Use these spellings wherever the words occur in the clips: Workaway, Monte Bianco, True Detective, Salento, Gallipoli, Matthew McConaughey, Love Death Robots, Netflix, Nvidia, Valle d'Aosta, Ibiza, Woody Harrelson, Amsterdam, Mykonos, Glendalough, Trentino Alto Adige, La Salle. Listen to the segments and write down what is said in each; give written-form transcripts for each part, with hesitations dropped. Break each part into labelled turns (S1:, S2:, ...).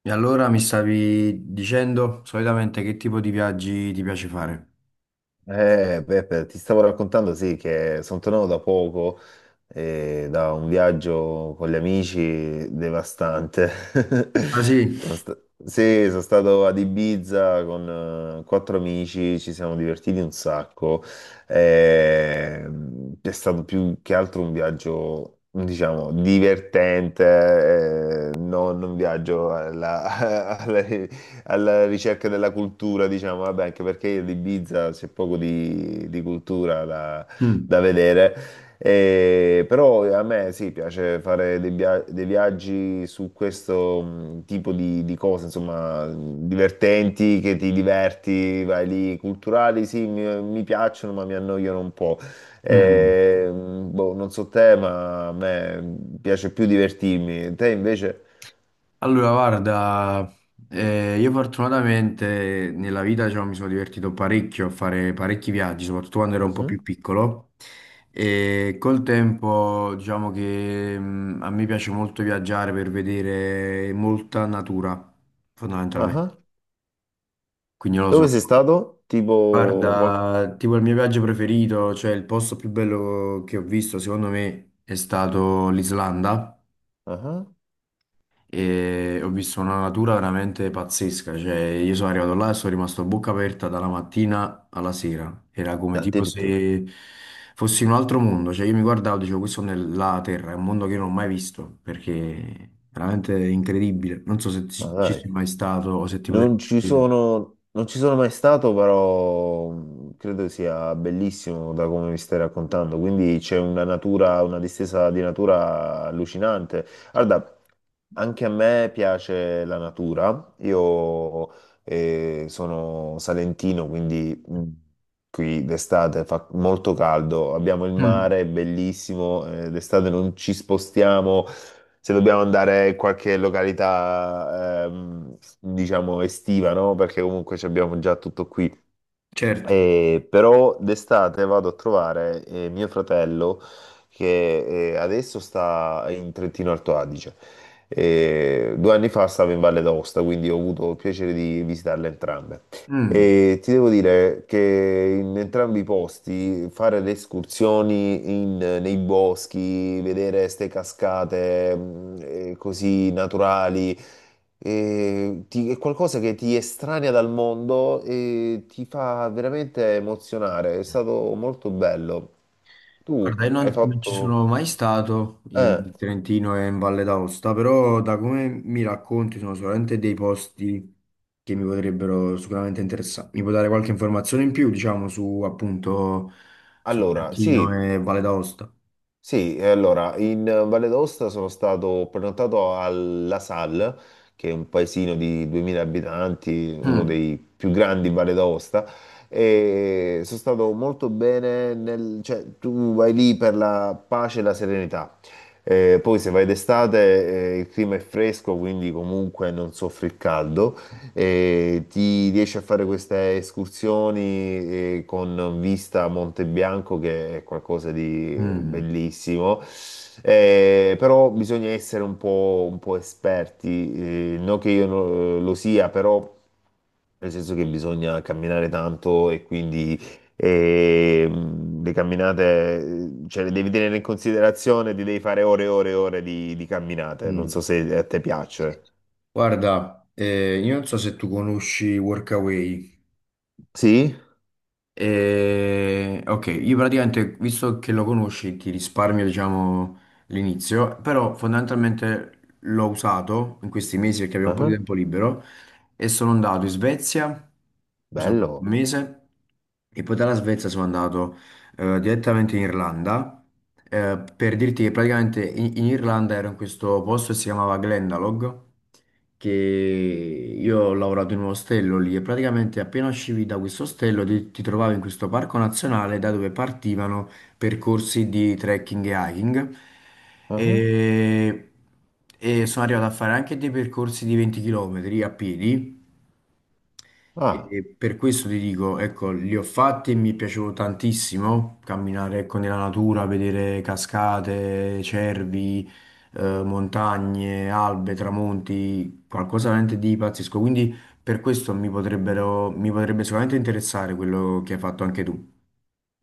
S1: E allora mi stavi dicendo solitamente che tipo di viaggi ti piace fare?
S2: Peppe, ti stavo raccontando, sì, che sono tornato da poco da un viaggio con gli amici devastante.
S1: Ah sì?
S2: Sono sta- sì, sono stato ad Ibiza con quattro amici, ci siamo divertiti un sacco. Eh, è stato più che altro un viaggio, diciamo, divertente, non un viaggio alla, alla ricerca della cultura, diciamo, vabbè, anche perché ad Ibiza c'è poco di cultura da,
S1: Mm.
S2: da vedere. Però a me sì, piace fare dei viaggi su questo tipo di cose, insomma, divertenti, che ti diverti, vai lì, culturali sì, mi piacciono, ma mi annoiano un po'.
S1: Mm.
S2: E, boh, non so te, ma a me piace più divertirmi. Te invece?
S1: Allora guarda, io fortunatamente nella vita diciamo, mi sono divertito parecchio a fare parecchi viaggi, soprattutto quando ero un po'
S2: Mhm.
S1: più piccolo e col tempo diciamo che a me piace molto viaggiare per vedere molta natura,
S2: Ah
S1: fondamentalmente.
S2: ah.
S1: Quindi non lo so.
S2: Dove sei stato? Tipo qualche...
S1: Guarda, tipo il mio viaggio preferito, cioè il posto più bello che ho visto, secondo me, è stato l'Islanda
S2: Ah,
S1: e ho visto una natura veramente pazzesca, cioè io sono arrivato là e sono rimasto a bocca aperta dalla mattina alla sera, era come tipo
S2: addirittura.
S1: se fossi in un altro mondo, cioè io mi guardavo e dicevo questo è la Terra, è un mondo che io non ho mai visto, perché è veramente incredibile, non so se
S2: Ma
S1: ci
S2: dai.
S1: sei mai stato o se ti potrei...
S2: Non ci sono... non ci sono mai stato, però credo sia bellissimo da come mi stai raccontando. Quindi c'è una natura, una distesa di natura allucinante. Guarda, anche a me piace la natura. Io sono salentino, quindi qui d'estate fa molto caldo. Abbiamo il
S1: Mm,
S2: mare, è bellissimo. D'estate non ci spostiamo. Se dobbiamo andare in qualche località, diciamo estiva, no? Perché comunque ci abbiamo già tutto qui.
S1: certo.
S2: Però d'estate vado a trovare mio fratello che adesso sta in Trentino Alto Adige. Due anni fa stavo in Valle d'Aosta, quindi ho avuto il piacere di visitarle entrambe.
S1: Mm.
S2: E ti devo dire che in entrambi i posti fare le escursioni nei boschi, vedere queste cascate così naturali. È qualcosa che ti estranea dal mondo e ti fa veramente emozionare. È stato molto bello. Tu
S1: Guarda, io
S2: hai
S1: non, non ci
S2: fatto...
S1: sono mai stato
S2: eh,
S1: in Trentino e in Valle d'Aosta, però da come mi racconti sono sicuramente dei posti che mi potrebbero sicuramente interessare. Mi puoi dare qualche informazione in più, diciamo, su appunto su
S2: allora,
S1: Trentino
S2: sì.
S1: e Valle d'Aosta?
S2: Sì, e allora in Valle d'Aosta sono stato prenotato a La Salle, che è un paesino di 2000 abitanti, uno
S1: Mm.
S2: dei più grandi in Valle d'Aosta, e sono stato molto bene nel, cioè tu vai lì per la pace e la serenità. Poi se vai d'estate, il clima è fresco, quindi comunque non soffri il caldo. E ti riesci a fare queste escursioni con vista a Monte Bianco, che è qualcosa di
S1: Mm.
S2: bellissimo. Però bisogna essere un po' esperti, non che io lo sia, però nel senso che bisogna camminare tanto e quindi eh, le camminate, cioè le devi tenere in considerazione, ti devi fare ore e ore e ore di camminate, non so
S1: Mm.
S2: se a te piace.
S1: Guarda, io non so se tu conosci Workaway.
S2: Sì?
S1: Ok, io praticamente, visto che lo conosci, ti risparmio, diciamo, l'inizio, però fondamentalmente l'ho usato in questi mesi perché avevo un po' di
S2: Ah,
S1: tempo libero e sono andato in Svezia, mi sono fatto un
S2: bello.
S1: mese e poi dalla Svezia sono andato direttamente in Irlanda. Eh, per dirti che praticamente in Irlanda ero in questo posto che si chiamava Glendalough, che io ho lavorato in un ostello lì e praticamente appena uscivi da questo ostello ti trovavi in questo parco nazionale da dove partivano percorsi di trekking e hiking.
S2: Ah,
S1: E, e sono arrivato a fare anche dei percorsi di 20 km a piedi
S2: ah.
S1: e per questo ti dico, ecco, li ho fatti e mi è piaciuto tantissimo camminare, ecco, nella natura, vedere cascate, cervi, montagne, albe, tramonti, qualcosa veramente di pazzesco. Quindi per questo mi potrebbero, mi potrebbe sicuramente interessare quello che hai fatto anche tu.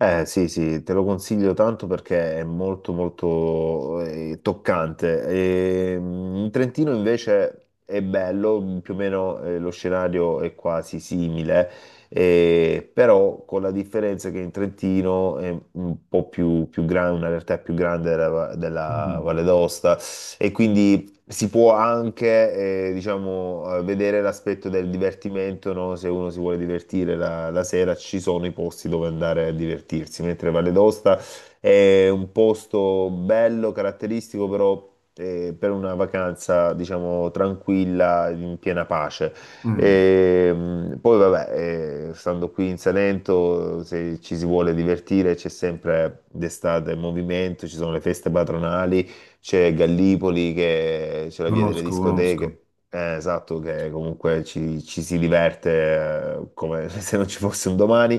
S2: Eh sì, sì, te lo consiglio tanto perché è molto molto toccante. E, mm, in Trentino invece è bello, mm, più o meno lo scenario è quasi simile, però con la differenza che in Trentino è un po' più grande, una realtà più grande della
S1: Mm.
S2: Valle d'Aosta e quindi si può anche, diciamo, vedere l'aspetto del divertimento, no? Se uno si vuole divertire la sera, ci sono i posti dove andare a divertirsi, mentre Valle d'Aosta è un posto bello, caratteristico, però per una vacanza, diciamo, tranquilla, in piena pace.
S1: Mm.
S2: E, poi, vabbè, stando qui in Salento, se ci si vuole divertire, c'è sempre d'estate movimento, ci sono le feste patronali, c'è Gallipoli, che c'è la via delle
S1: Conosco, conosco.
S2: discoteche, esatto, che comunque ci si diverte come se non ci fosse un domani.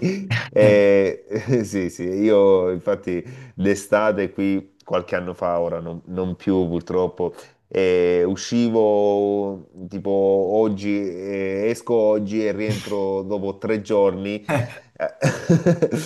S1: Eh.
S2: E, sì, sì, io infatti l'estate qui, qualche anno fa, ora non più purtroppo. E uscivo tipo oggi, esco oggi e rientro dopo tre giorni
S1: Eh,
S2: eh,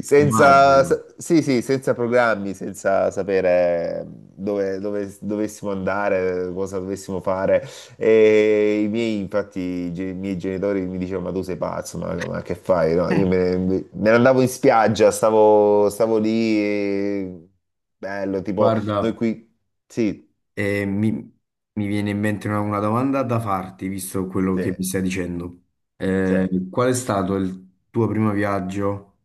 S2: Senza,
S1: immagino.
S2: sa- sì, sì, senza programmi, senza sapere dove dovessimo andare, cosa dovessimo fare. E i miei, infatti, i miei genitori mi dicevano: Ma tu sei pazzo, ma che fai? No, me ne andavo in spiaggia, stavo lì, e- bello, tipo noi
S1: Guarda.
S2: qui. Sì,
S1: E mi viene in mente una domanda da farti, visto quello
S2: sì,
S1: che mi stai dicendo.
S2: sì.
S1: Qual è stato il tuo primo viaggio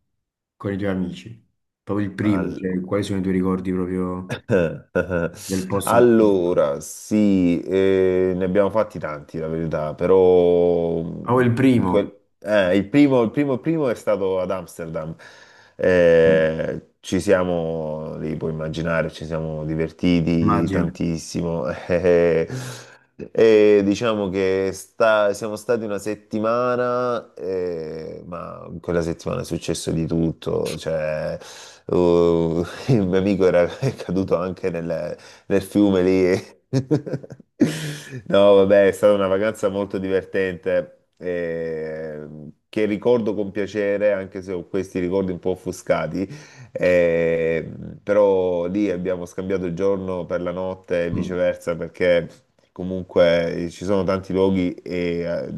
S1: con i tuoi amici? Proprio il primo,
S2: Allora.
S1: cioè quali sono i tuoi ricordi proprio del posto in cui sei stato?
S2: Allora, sì, ne abbiamo fatti tanti, la verità, però
S1: Oh, il primo.
S2: il primo è stato ad Amsterdam.
S1: Mm,
S2: Ci siamo, lì puoi immaginare, ci siamo divertiti
S1: immagino.
S2: tantissimo. E diciamo che siamo stati una settimana, ma in quella settimana è successo di tutto. Cioè, il mio amico era è caduto anche nel fiume lì. No, vabbè, è stata una vacanza molto divertente, che ricordo con piacere, anche se ho questi ricordi un po' offuscati. Eh, però lì abbiamo scambiato il giorno per la notte e
S1: Mm.
S2: viceversa perché comunque ci sono tanti luoghi e, eh,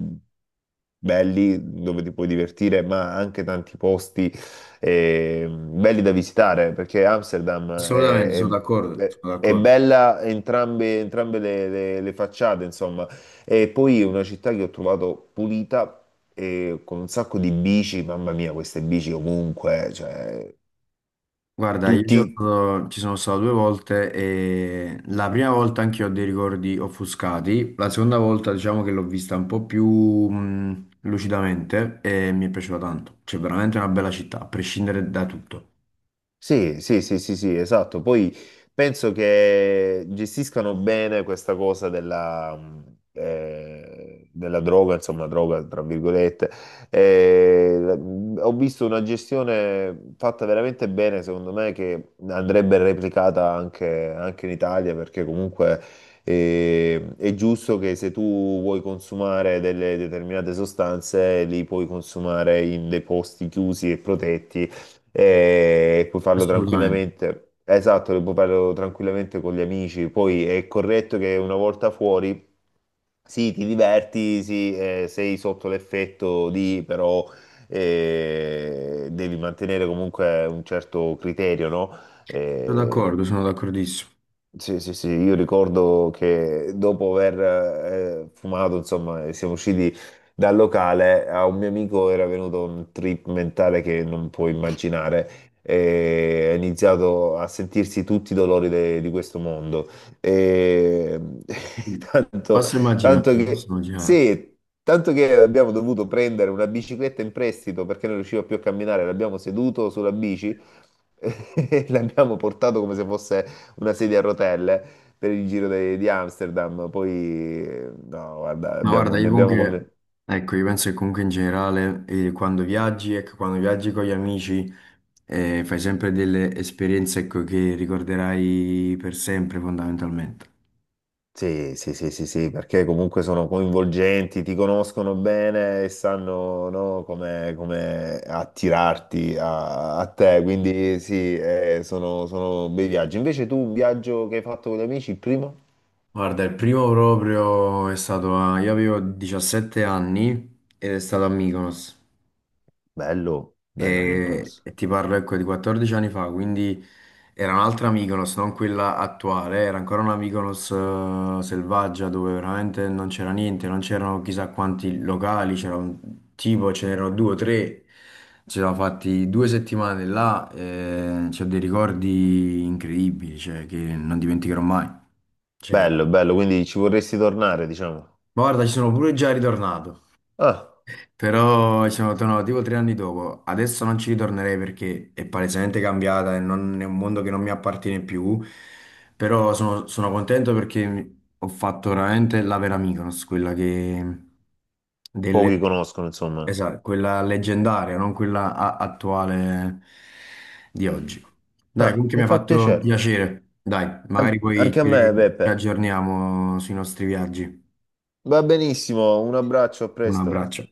S2: belli dove ti puoi divertire, ma anche tanti posti belli da visitare, perché
S1: Assolutamente, sono d'accordo, sono
S2: è
S1: d'accordo.
S2: bella entrambe, entrambe le facciate, insomma. E poi è una città che ho trovato pulita, e con un sacco di bici, mamma mia, queste bici ovunque, cioè,
S1: Guarda, io ci
S2: tutti.
S1: sono, ci sono stato due volte e la prima volta anche io ho dei ricordi offuscati, la seconda volta diciamo che l'ho vista un po' più lucidamente e mi è piaciuta tanto. C'è veramente una bella città, a prescindere da tutto.
S2: Sì, sì, sì, sì, sì, esatto. Poi penso che gestiscano bene questa cosa della droga, insomma, droga, tra virgolette. Ho visto una gestione fatta veramente bene, secondo me, che andrebbe replicata anche, anche in Italia, perché comunque è giusto che se tu vuoi consumare delle determinate sostanze, li puoi consumare in dei posti chiusi e protetti e puoi farlo
S1: Assolutamente.
S2: tranquillamente. Esatto, lo puoi farlo tranquillamente con gli amici. Poi è corretto che una volta fuori, sì, ti diverti, sì, sei sotto l'effetto di, però devi mantenere comunque un certo criterio, no?
S1: Sono
S2: Eh,
S1: d'accordo, sono d'accordissimo.
S2: sì, sì, sì, io ricordo che dopo aver fumato, insomma, siamo usciti dal locale, a un mio amico era venuto un trip mentale che non puoi immaginare e ha iniziato a sentirsi tutti i dolori di questo mondo. E... Tanto,
S1: Posso immaginare,
S2: tanto
S1: posso
S2: che,
S1: immaginare.
S2: sì, tanto che abbiamo dovuto prendere una bicicletta in prestito perché non riusciva più a camminare, l'abbiamo seduto sulla bici. E l'abbiamo portato come se fosse una sedia a rotelle per il di Amsterdam. Poi, no, guarda,
S1: Ma guarda,
S2: ne
S1: io
S2: abbiamo
S1: comunque,
S2: come...
S1: ecco, io penso che comunque in generale, quando viaggi, ecco, quando viaggi con gli amici, fai sempre delle esperienze, ecco, che ricorderai per sempre, fondamentalmente.
S2: Sì, sì, sì, sì, sì, perché comunque sono coinvolgenti, ti conoscono bene e sanno, no, come attirarti a te, quindi sì, sono bei viaggi. Invece tu un viaggio che hai fatto con gli amici, il primo?
S1: Guarda, il primo proprio è stato a... Io avevo 17 anni ed è stato a Mykonos.
S2: Bello, bello Mykonos.
S1: E ti parlo ecco di 14 anni fa, quindi era un'altra Mykonos, non quella attuale, era ancora una Mykonos selvaggia dove veramente non c'era niente, non c'erano chissà quanti locali, c'era un tipo, ce n'erano 2 o 3, ci siamo fatti 2 settimane là, e c'ho dei ricordi incredibili, cioè, che non dimenticherò mai. Cioè,
S2: Bello, bello, quindi ci vorresti tornare, diciamo.
S1: ma guarda, ci sono pure già ritornato.
S2: Ah,
S1: Però ci sono tornato tipo 3 anni dopo. Adesso non ci ritornerei perché è palesemente cambiata e è un mondo che non mi appartiene più. Però sono, sono contento perché ho fatto veramente la vera Mykonos, quella che... delle-
S2: pochi conoscono, insomma.
S1: esatto, quella leggendaria, non quella attuale di oggi. Dai,
S2: Ah,
S1: comunque mi
S2: mi
S1: ha
S2: fa
S1: fatto
S2: piacere.
S1: piacere. Dai, magari poi
S2: Anche a me,
S1: ci
S2: Beppe.
S1: aggiorniamo sui nostri viaggi.
S2: Va benissimo, un abbraccio, a
S1: Un
S2: presto.
S1: abbraccio.